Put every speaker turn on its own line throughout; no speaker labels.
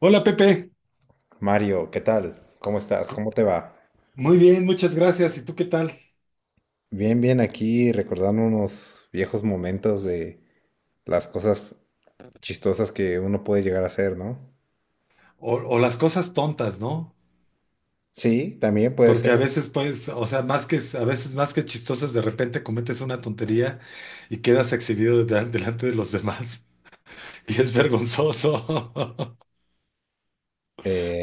Hola Pepe,
Mario, ¿qué tal? ¿Cómo estás? ¿Cómo te va?
muy bien, muchas gracias. ¿Y tú qué tal?
Bien, bien, aquí recordando unos viejos momentos de las cosas chistosas que uno puede llegar a hacer, ¿no?
O las cosas tontas, ¿no?
Sí, también puede
Porque
ser.
a veces, pues, o sea, más que, a veces más que chistosas, de repente cometes una tontería y quedas exhibido delante de los demás y es vergonzoso,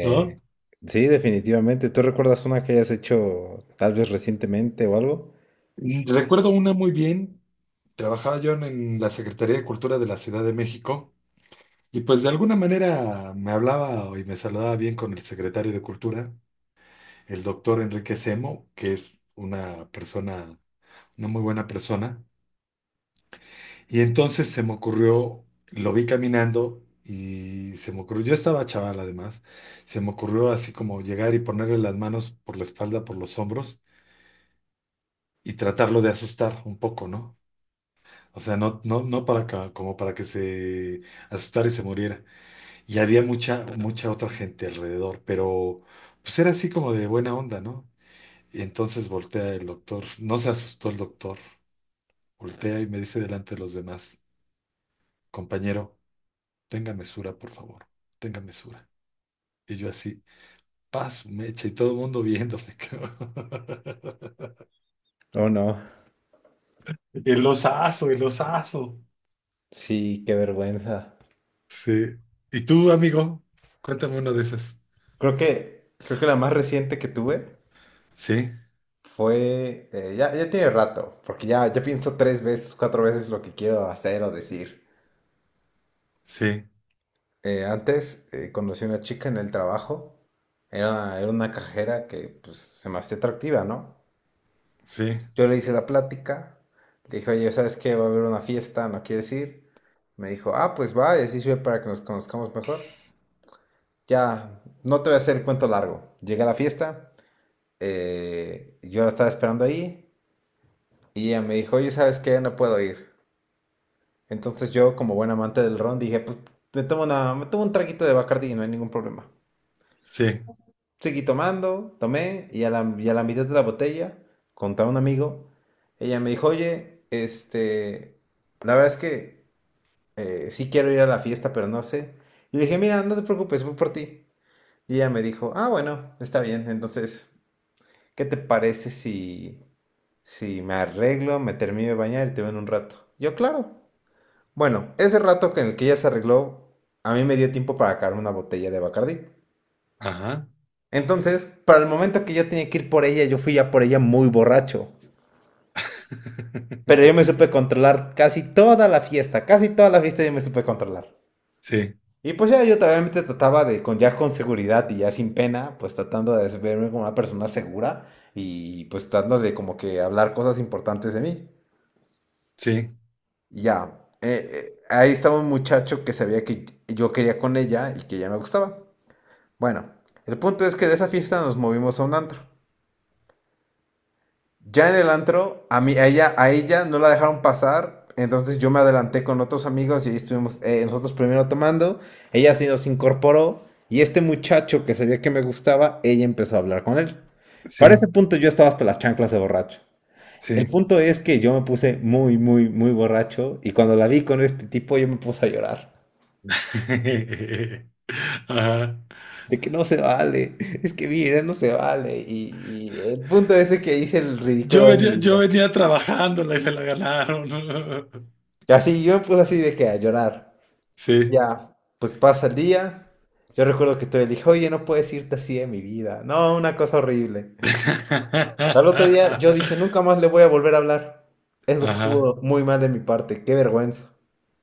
¿no?
sí, definitivamente. ¿Tú recuerdas una que hayas hecho tal vez recientemente o algo?
Y recuerdo una muy bien. Trabajaba yo en la Secretaría de Cultura de la Ciudad de México y pues de alguna manera me hablaba y me saludaba bien con el secretario de Cultura, el doctor Enrique Semo, que es una persona una muy buena persona. Y entonces se me ocurrió, lo vi caminando y se me ocurrió, yo estaba chaval además, se me ocurrió así como llegar y ponerle las manos por la espalda, por los hombros y tratarlo de asustar un poco, ¿no? O sea, no, no, no para como para que se asustara y se muriera. Y había mucha, mucha otra gente alrededor, pero pues era así como de buena onda, ¿no? Y entonces voltea el doctor, no se asustó el doctor, voltea y me dice delante de los demás, compañero. Tenga mesura, por favor, tenga mesura. Y yo así, paz, mecha, y todo el mundo viéndome. Cabrón.
Oh, no.
El osazo, el osazo.
Sí, qué vergüenza.
Sí. ¿Y tú, amigo? Cuéntame uno de esos.
Creo que la más reciente que tuve
Sí,
fue, ya tiene rato, porque ya pienso tres veces, cuatro veces lo que quiero hacer o decir.
sí,
Antes conocí a una chica en el trabajo. Era una cajera que, pues, se me hacía atractiva, ¿no?
sí,
Yo le hice la plática. Le dije, oye, ¿sabes qué? Va a haber una fiesta, ¿no quieres ir? Me dijo, ah, pues va, y así sirve para que nos conozcamos mejor. Ya, no te voy a hacer el cuento largo. Llegué a la fiesta, yo la estaba esperando ahí, y ella me dijo, oye, ¿sabes qué? No puedo ir. Entonces yo, como buen amante del ron, dije, pues me tomo, una, me tomo un traguito de Bacardi y no hay ningún problema.
sí.
Seguí tomando, tomé, y a la mitad de la botella, contaba un amigo, ella me dijo, oye, este, la verdad es que sí quiero ir a la fiesta, pero no sé. Y le dije, mira, no te preocupes, voy por ti. Y ella me dijo, ah, bueno, está bien, entonces, ¿qué te parece si me arreglo, me termino de bañar y te veo en un rato? Yo, claro. Bueno, ese rato que en el que ella se arregló, a mí me dio tiempo para sacar una botella de Bacardí.
Ajá.
Entonces, para el momento que yo tenía que ir por ella, yo fui ya por ella muy borracho. Pero yo me supe controlar casi toda la fiesta, casi toda la fiesta yo me supe controlar.
Sí,
Y pues ya yo obviamente trataba de, con, ya con seguridad y ya sin pena, pues tratando de verme como una persona segura y pues tratando de como que hablar cosas importantes de mí.
sí,
Y ya, ahí estaba un muchacho que sabía que yo quería con ella y que ella me gustaba. Bueno, el punto es que de esa fiesta nos movimos a un antro. Ya en el antro, a mí, a ella no la dejaron pasar, entonces yo me adelanté con otros amigos y ahí estuvimos nosotros primero tomando, ella sí nos incorporó y este muchacho que sabía que me gustaba, ella empezó a hablar con él. Para ese
sí,
punto yo estaba hasta las chanclas de borracho. El
sí.
punto es que yo me puse muy, muy, muy borracho y cuando la vi con este tipo yo me puse a llorar.
Ajá.
De que no se vale, es que mira, no se vale. Y el punto es de que hice el ridículo de mi
Yo
vida.
venía trabajándola y me la ganaron.
Y así yo me puse así de que a llorar.
Sí.
Ya, pues pasa el día. Yo recuerdo que todavía le dije, oye, no puedes irte así de mi vida. No, una cosa horrible. Al otro día yo dije, nunca más le voy a volver a hablar. Eso
Ajá.
estuvo muy mal de mi parte, qué vergüenza.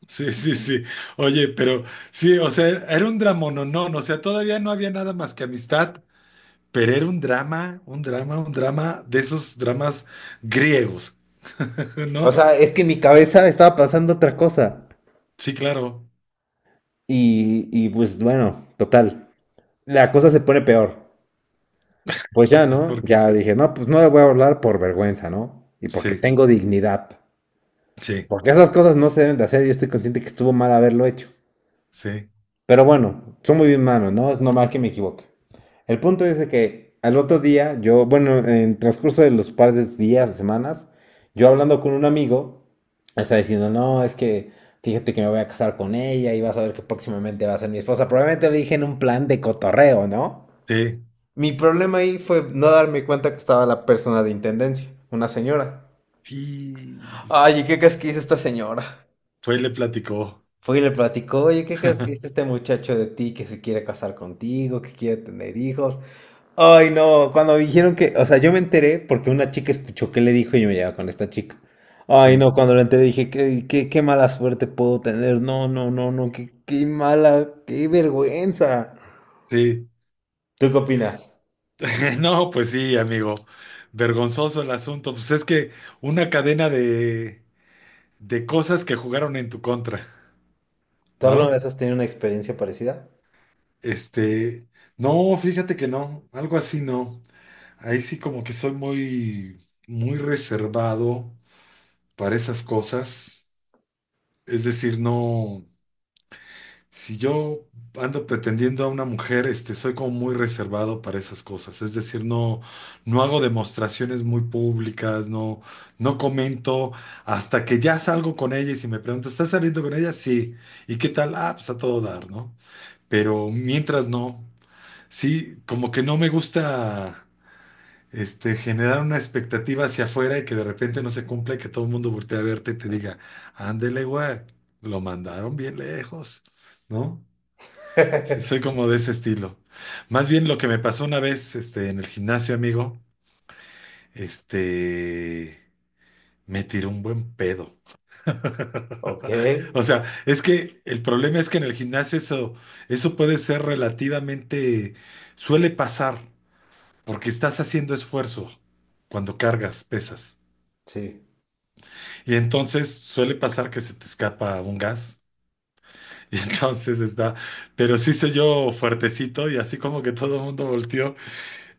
Sí, sí, sí. Oye, pero sí, o sea, era un dramononón, o sea, todavía no había nada más que amistad, pero era un drama, un drama, un drama de esos dramas griegos,
O
¿no?
sea, es que en mi cabeza estaba pasando otra cosa.
Sí, claro.
Y pues bueno, total. La cosa se pone peor. Pues ya, ¿no?
Porque
Ya dije, no, pues no le voy a hablar por vergüenza, ¿no? Y porque
sí,
tengo dignidad.
sí,
Porque esas cosas no se deben de hacer. Yo estoy consciente que estuvo mal haberlo hecho.
sí,
Pero bueno, soy muy humano, ¿no? Es normal que me equivoque. El punto es de que al otro día, yo, bueno, en el transcurso de los par de días, semanas, yo hablando con un amigo, está diciendo, no, es que fíjate que me voy a casar con ella y vas a ver que próximamente va a ser mi esposa. Probablemente lo dije en un plan de cotorreo, ¿no?
sí,
Mi problema ahí fue no darme cuenta que estaba la persona de intendencia, una señora.
sí.
Ay, ¿y qué crees que hizo esta señora?
Fue y le platicó.
Fue y le platicó, oye, ¿qué crees que dice este muchacho de ti que se quiere casar contigo, que quiere tener hijos? Ay, no, cuando me dijeron que, o sea, yo me enteré porque una chica escuchó qué le dijo y yo me llevaba con esta chica. Ay,
Sí,
no, cuando lo enteré dije, qué, qué, qué mala suerte puedo tener. No, no, no, no, qué, qué mala, qué vergüenza.
sí.
¿Tú qué opinas?
No, pues sí, amigo. Vergonzoso el asunto. Pues es que una cadena de cosas que jugaron en tu contra,
¿Tú alguna
¿no?
vez has tenido una experiencia parecida?
Este, no, fíjate que no, algo así no. Ahí sí como que soy muy, muy reservado para esas cosas. Es decir, no, si yo ando pretendiendo a una mujer, este, soy como muy reservado para esas cosas. Es decir, no, no hago demostraciones muy públicas, no, no comento hasta que ya salgo con ella y si me pregunta, ¿estás saliendo con ella? Sí. ¿Y qué tal? Ah, pues a todo dar, ¿no? Pero mientras no. Sí, como que no me gusta este, generar una expectativa hacia afuera y que de repente no se cumpla y que todo el mundo voltee a verte y te diga, ándele, güey, lo mandaron bien lejos, ¿no? Sí, soy como de ese estilo. Más bien lo que me pasó una vez este, en el gimnasio, amigo, este, me tiró un buen pedo.
Ok,
O sea, es que el problema es que en el gimnasio eso, eso puede ser relativamente, suele pasar. Porque estás haciendo esfuerzo cuando cargas, pesas.
sí.
Y entonces suele pasar que se te escapa un gas. Y entonces está, pero sí se yo fuertecito y así como que todo el mundo volteó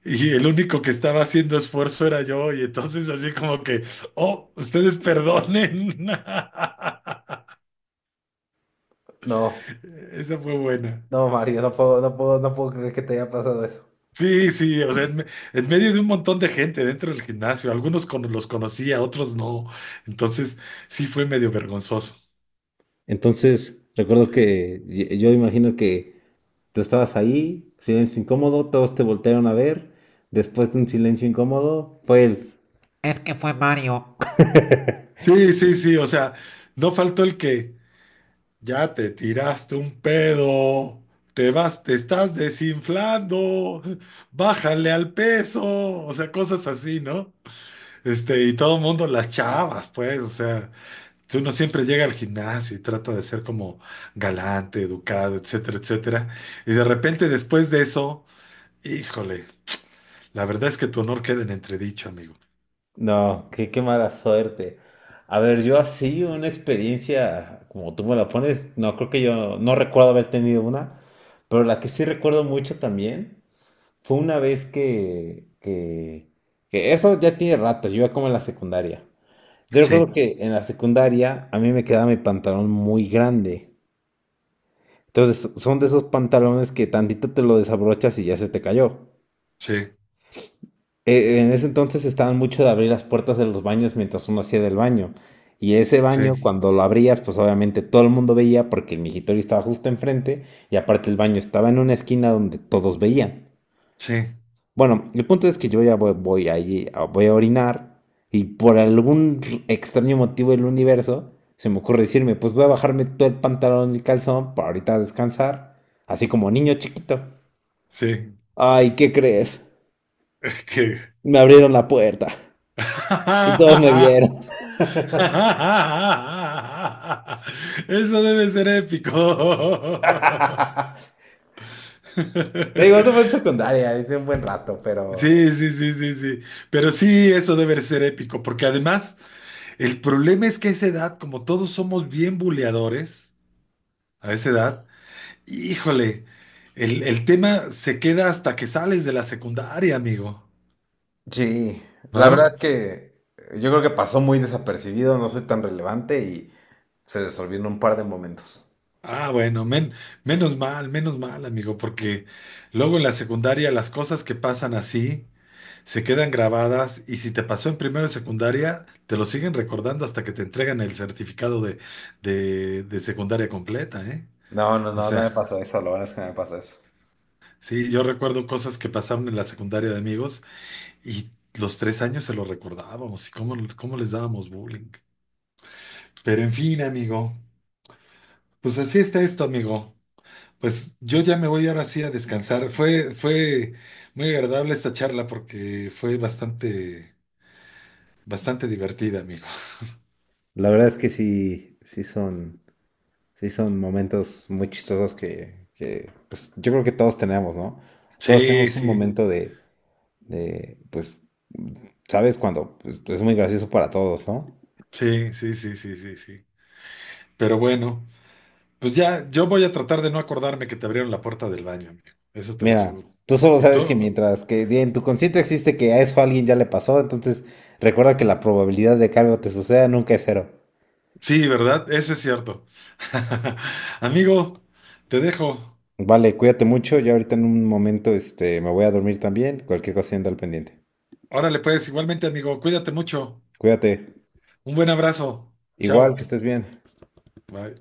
y el único que estaba haciendo esfuerzo era yo y entonces así como que, oh, ustedes perdonen.
No,
Esa fue buena.
no, Mario, no puedo, no puedo, no puedo creer que te haya pasado eso.
Sí, sí, o sea, en medio de un montón de gente dentro del gimnasio, algunos los conocía, otros no. Entonces sí fue medio vergonzoso.
Entonces, recuerdo que yo imagino que tú estabas ahí, silencio incómodo, todos te voltearon a ver. Después de un silencio incómodo, fue el, es que fue Mario.
Sí, sí, sí, o sea, no faltó el que ya te tiraste un pedo, te vas, te estás desinflando, bájale al peso, o sea, cosas así, ¿no? Este, y todo el mundo, las chavas, pues, o sea, si uno siempre llega al gimnasio y trata de ser como galante, educado, etcétera, etcétera, y de repente después de eso, híjole, la verdad es que tu honor queda en entredicho, amigo.
no, qué, qué mala suerte. A ver, yo así una experiencia, como tú me la pones, no creo que yo, no recuerdo haber tenido una, pero la que sí recuerdo mucho también fue una vez que eso ya tiene rato, yo iba como en la secundaria. Yo
Sí,
recuerdo que en la secundaria a mí me quedaba mi pantalón muy grande. Entonces son de esos pantalones que tantito te lo desabrochas y ya se te cayó.
sí,
En ese entonces estaban mucho de abrir las puertas de los baños mientras uno hacía del baño. Y ese baño,
sí,
cuando lo abrías, pues obviamente todo el mundo veía porque el migitorio estaba justo enfrente y aparte el baño estaba en una esquina donde todos veían.
sí,
Bueno, el punto es que yo ya voy, voy allí, voy a orinar y por algún extraño motivo del universo se me ocurre decirme, pues voy a bajarme todo el pantalón y el calzón para ahorita descansar, así como niño chiquito.
sí.
Ay, ¿qué crees?
Que
Me abrieron la puerta y todos me vieron.
eso debe ser épico.
Te digo, eso fue en secundaria, hice un buen rato, pero...
Sí, sí, sí, sí, sí. Pero sí, eso debe ser épico, porque además el problema es que a esa edad, como todos somos bien buleadores, a esa edad, híjole, el tema se queda hasta que sales de la secundaria, amigo,
Sí, la verdad
¿no?
es que yo creo que pasó muy desapercibido, no soy tan relevante y se les olvidó en un par de momentos.
Ah, bueno, menos mal, amigo, porque luego en la secundaria las cosas que pasan así se quedan grabadas y si te pasó en primero de secundaria, te lo siguen recordando hasta que te entregan el certificado de secundaria completa, ¿eh?
No, no,
O
no, no
sea,
me pasó eso, lo bueno es que no me pasó eso.
sí, yo recuerdo cosas que pasaron en la secundaria de amigos y los tres años se lo recordábamos y cómo, cómo les dábamos bullying. Pero en fin, amigo, pues así está esto, amigo. Pues yo ya me voy ahora sí a descansar. Fue, fue muy agradable esta charla porque fue bastante, bastante divertida, amigo.
La verdad es que sí, sí son momentos muy chistosos que, pues, yo creo que todos tenemos, ¿no? Todos
Sí,
tenemos un
sí,
momento de, pues, ¿sabes? Cuando pues, pues, es muy gracioso para todos, ¿no?
sí, sí, sí, sí, sí, sí. Pero bueno, pues ya, yo voy a tratar de no acordarme que te abrieron la puerta del baño, amigo. Eso te lo
Mira,
aseguro.
tú solo
¿Y
sabes que
tú?
mientras que en tu consciente existe que a eso a alguien ya le pasó, entonces recuerda que la probabilidad de que algo te suceda nunca es cero.
Sí, ¿verdad? Eso es cierto. Amigo, te dejo.
Vale, cuídate mucho, yo ahorita en un momento, este, me voy a dormir también, cualquier cosa siendo al pendiente.
Órale, pues, igualmente, amigo, cuídate mucho.
Cuídate.
Un buen abrazo.
Igual,
Chao.
que estés bien.
Bye.